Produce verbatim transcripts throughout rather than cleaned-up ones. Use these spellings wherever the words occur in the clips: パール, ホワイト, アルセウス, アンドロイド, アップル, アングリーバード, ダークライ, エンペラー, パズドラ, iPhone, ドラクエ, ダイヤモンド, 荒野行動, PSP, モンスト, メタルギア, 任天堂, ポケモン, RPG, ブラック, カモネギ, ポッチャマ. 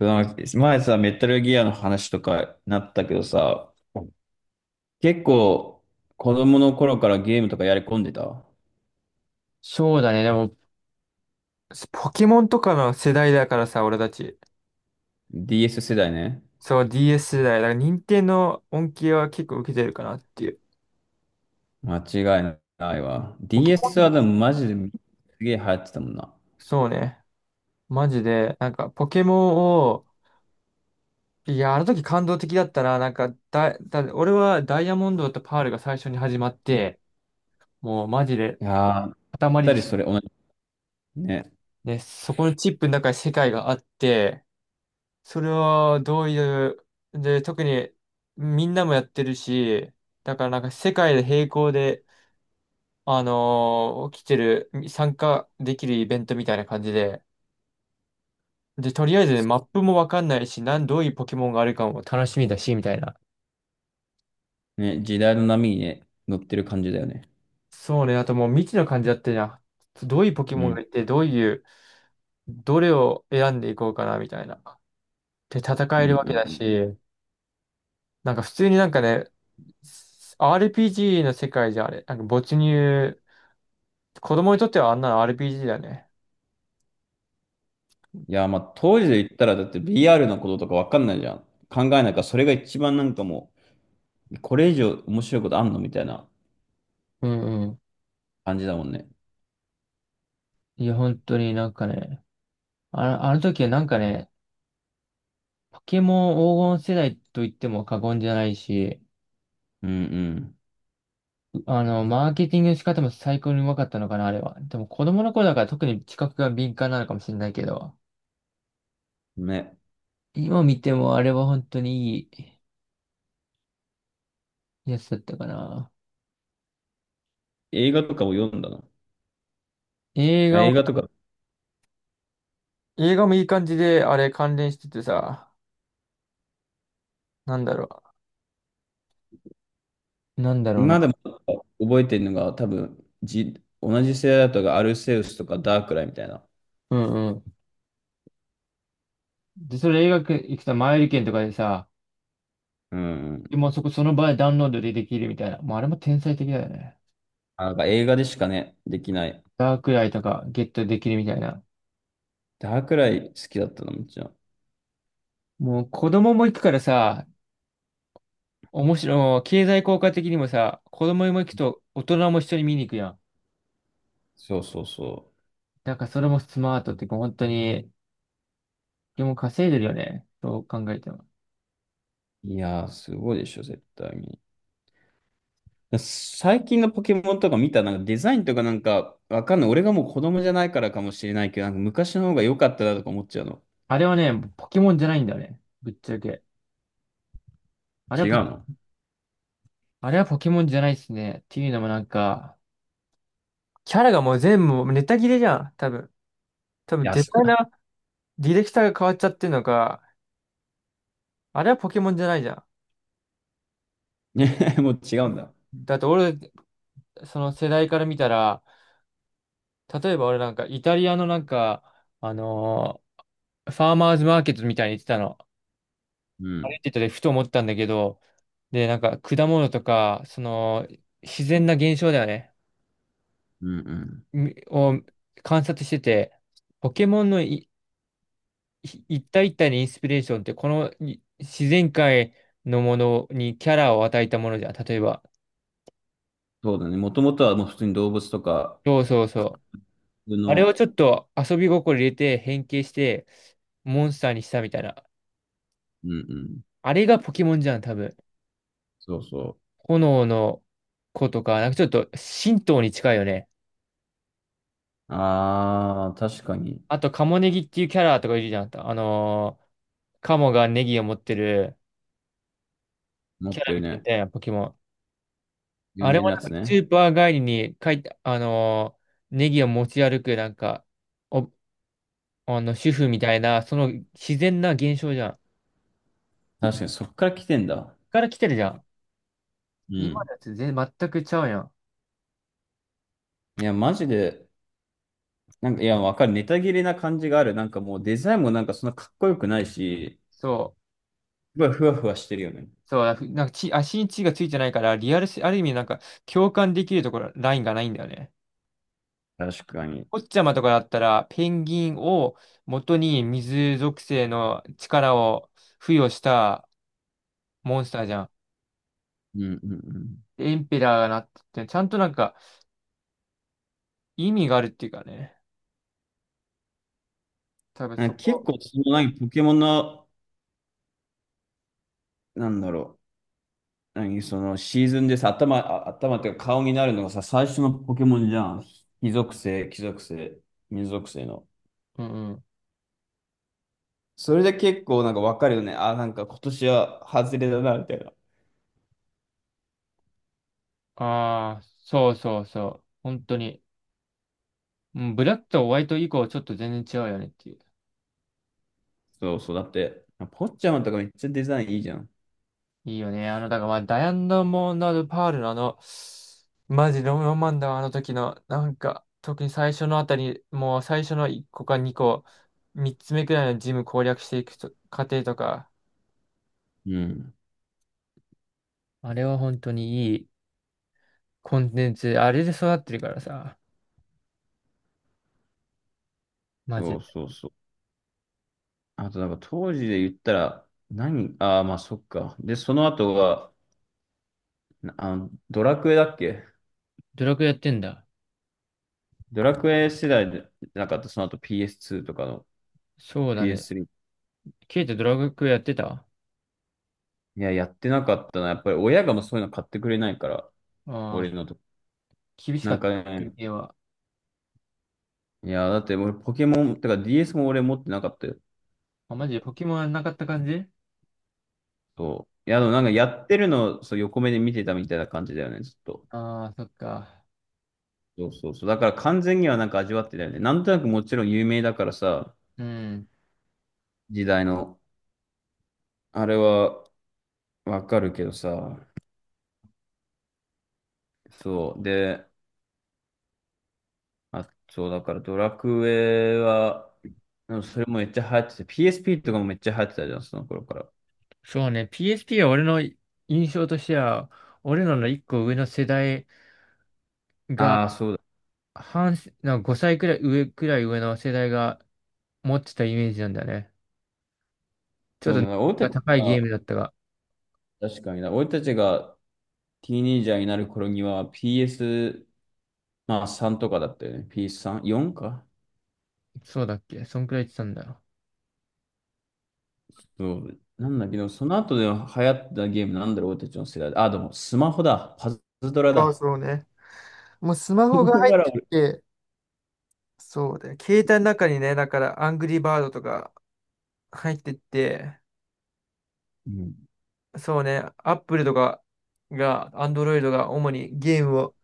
その前さ、メタルギアの話とかなったけどさ、結構子供の頃からゲームとかやり込んでた そうだね。でも、ポケモンとかの世代だからさ、俺たち。ディーエス 世代ね。そう、ディーエス 世代。だから、任天堂の恩恵は結構受けてるかなっていう。間違いないわ。ポケ ディーエス モン、はでもマジですげえ流行ってたもんな。そうね。マジで、なんか、ポケモンを、いや、あの時感動的だったな。なんかだ、だ、俺はダイヤモンドとパールが最初に始まって、もうマジで、いやー、ぴっ塊たでりし、それ同じ。ね、ね、そこのチップの中に世界があって、それはどういう、で、特にみんなもやってるし、だからなんか世界で並行であのー起きてる、参加できるイベントみたいな感じで、で、とりあえずね、マップもわかんないし、なん、どういうポケモンがあるかも楽しみだし、みたいな。ね、時代の波にね、乗ってる感じだよね。そうね、あともう未知の感じだったじゃん。どういうポケうモンがん。いて、どういう、どれを選んでいこうかな、みたいな。で、戦うえんるうわんけうだん。し、なんか普通になんかね、アールピージー の世界じゃあれ、なんか没入、子供にとってはあんなの アールピージー だね。いやー、まあ当時で言ったらだって ブイアール のこととかわかんないじゃん。考えないから、それが一番なんかもう、これ以上面白いことあんのみたいなうんうん。感じだもんね。いや、本当になんかね、あの、あの時はなんかね、ポケモン黄金世代と言っても過言じゃないし、うんうんあの、マーケティングの仕方も最高にうまかったのかな、あれは。でも子供の頃だから特に知覚が敏感なのかもしれないけど、ね。今見てもあれは本当にいいやつだったかな。映画とかを読んだの。映あ、画映も、画とか、映画もいい感じで、あれ関連しててさ、なんだろう。なんだろう今でな。も覚えてるのが多分、じ、同じ世代だとアルセウスとかダークライみたいな。うんうん。で、それ映画行くと前売り券とかでさ、うん。もうそこその場でダウンロードでできるみたいな。もうあれも天才的だよね。あ、なんか映画でしかね、できない。ダークライとかゲットできるみたいな。ダークライ好きだったの、もちろん。もう子供も行くからさ、面白い、経済効果的にもさ、子供も行くと大人も一緒に見に行くやん。そうそうそだからそれもスマートっていうか、本当に、でも稼いでるよね。そう考えても。う。いやー、すごいでしょ、絶対に。最近のポケモンとか見た、なんかデザインとかなんか、わかんない。俺がもう子供じゃないからかもしれないけど、なんか昔の方が良かったなとか思っちゃうの。あれはね、ポケモンじゃないんだよね。ぶっちゃけ。あれは違うポ、の。あれはポケモンじゃないっすね。っていうのもなんか、キャラがもう全部ネタ切れじゃん。多分。多い分や、絶そ 対な、ディレクターが変わっちゃってるのか、あれはポケモンじゃないじゃね。もう違うんだ。ん。だって俺、その世代から見たら、例えば俺なんかイタリアのなんか、あのーファーマーズマーケットみたいに言ってたの。う歩ん。いててふと思ったんだけど、で、なんか果物とか、その自然な現象だよね。うんうん。みを観察してて、ポケモンのいい一体一体のインスピレーションってこのい自然界のものにキャラを与えたものじゃん。例えば。そうだね。もともとはもう普通に動物とか、そうそうそう。普通あれをの、ちょっと遊び心入れて変形してモンスターにしたみたいな。うんうん。あれがポケモンじゃん、多分。そうそ炎の子とか、なんかちょっと神道に近いよね。う。ああ、確かに。あと、カモネギっていうキャラとかいるじゃん。あのーカモがネギを持ってる持キっャラてるみたね。いなポケモン。有あれ名もなやなんつかスね。ーパー帰りに書いて、あのーネギを持ち歩く、なんか、お、あの、主婦みたいな、その自然な現象じゃん。確かに、そっから来てんだ。から来てるじゃん。う今ん。のやつ全然全くちゃうやん。いや、マジで、なんか、いや、わかる。ネタ切れな感じがある。なんかもうデザインもなんかそんなかっこよくないし、そう。すごいふわふわしてるよね。そう、なんか血、足に血がついてないから、リアルし、ある意味なんか共感できるところ、ラインがないんだよね。確かに。ポッチャマとかだったら、ペンギンを元に水属性の力を付与したモンスターじゃん。うんうんうん。エンペラーがなってて、ちゃんとなんか意味があるっていうかね。多分なんそか結こ。構、そのなんかポケモンの、なんだろう。何そのシーズンでさ、頭、あ頭っていうか顔になるのがさ、最初のポケモンじゃん。火属性、木属性、水属性の。うんうん。それで結構なんかわかるよね。あ、なんか今年は外れだな、みたいな。ああ、そうそうそう。本当に。うん、ブラックとホワイト以降ちょっと全然違うよねっていう。そうそう。だって、ポッチャマとかめっちゃデザインいいじゃん。いいよね。あの、だからまあ、ダイアナモンド・パールのあの、マジロマンだわ、あの時の、なんか、特に最初のあたり、もう最初のいっこかにこ、みっつめくらいのジム攻略していくと過程とか、うん。あれは本当にいいコンテンツ、あれで育ってるからさ、マジそうで。そうそう。あとなんか当時で言ったら、何ああー、まあそっか。で、その後が、なあの、ドラクエだっけ。ドラクエやってんだ。ドラクエ世代でなかった、その後 ピーエスツー とかの そうだね。ピーエススリー。 ケイトドラクエやってたあ、いや、やってなかったな。やっぱり親がもうそういうの買ってくれないから、あ俺のと。ー、厳しなかんっかた、休ね、憩は。いや、だって俺ポケモン、てか ディーエス も俺持ってなかったよ。あ、マジでポケモンはなかった感じ、そう。いや、でもなんかやってるのそう横目で見てたみたいな感じだよね、ずっと。ああー、そっか。そうそうそう。だから完全にはなんか味わってたよね。なんとなくもちろん有名だからさ、うん。時代の。あれはわかるけどさ。そう。で、あ、そう、だからドラクエは、でもそれもめっちゃ流行ってて、ピーエスピー とかもめっちゃ流行ってたじゃん、その頃から。そうね、ピーエスピー は俺の印象としては、俺らの一個上の世代、ああ、そうだ。半世、なんかごさいくらい上くらい上の世代が持ってたイメージなんだよね。ちょそうっだな、俺たとち高いゲが、ームだったが、確かにな、俺たちがティーネイジャーになる頃には ピーエス、まあさんとかだったよね。ピーエススリー、よんかそうだっけ、そんくらい言ってたんだよ。そう。なんだけど、その後で流行ったゲームなんだろう、俺たちの世代で。あ、でもスマホだ。パズドラそうだ。そうね。もうスマだホが入っかてらき俺て、そうだよ。携帯の中にね、だからアングリーバードとか入ってって、うん。そうね、アップルとかが、アンドロイドが主にゲームを、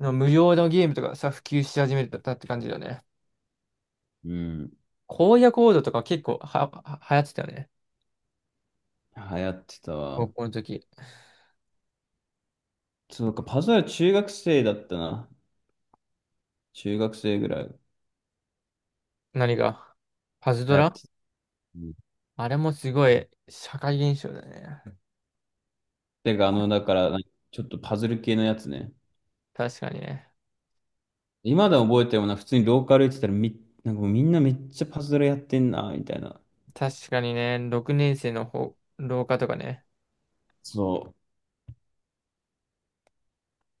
の無料のゲームとかさ、普及し始めたって感じだよね。うん。荒野行動とか結構は、は、流行ってたよね。流行ってた高わ。校の時。そうか、パズドラ中学生だったな。中学生ぐらい何がパズド流行っラ、てた。うん。あれもすごい社会現象だね。てか、あの、だから、ちょっとパズル系のやつね。確かにね。今でも覚えてるもんな、普通にローカル行ってたらみ、なんかもうみんなめっちゃパズルやってんな、みたいな。確かにね、ろくねん生の方、廊下とかね。そ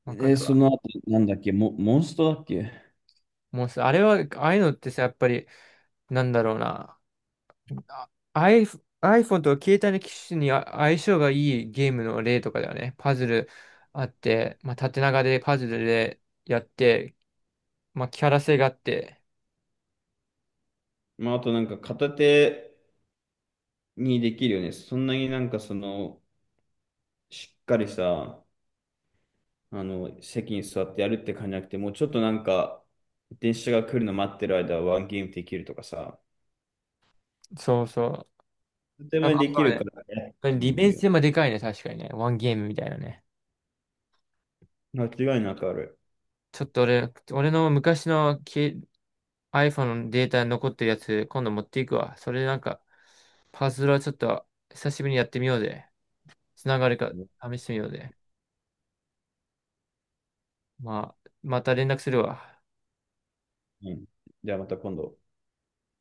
う。わかえ、るそわ。の後、なんだっけ、モ、モンストだっけ。もうさ、あれは、ああいうのってさ、やっぱり、なんだろうな。あ、 iPh- iPhone と携帯の機種にあ相性がいいゲームの例とかだよね。パズルあって、まあ、縦長でパズルでやって、まあ、キャラ性があって、まあ、あとなんか片手にできるよね。そんなになんかその、しっかりさ、あの、席に座ってやるって感じじゃなくて、もうちょっとなんか、電車が来るの待ってる間はワンゲームできるとかさ、そうそう。とてやっもぱできそるね、からね、こうれ利んあ便るよ。性もでかいね、確かにね。ワンゲームみたいなね。間違いなくある。ちょっと俺、俺の昔のけ iPhone のデータに残ってるやつ、今度持っていくわ。それでなんか、パズルはちょっと久しぶりにやってみようぜ。つながるかう試してみようぜ。まあ、また連絡するわ。ん。じゃあまた今度。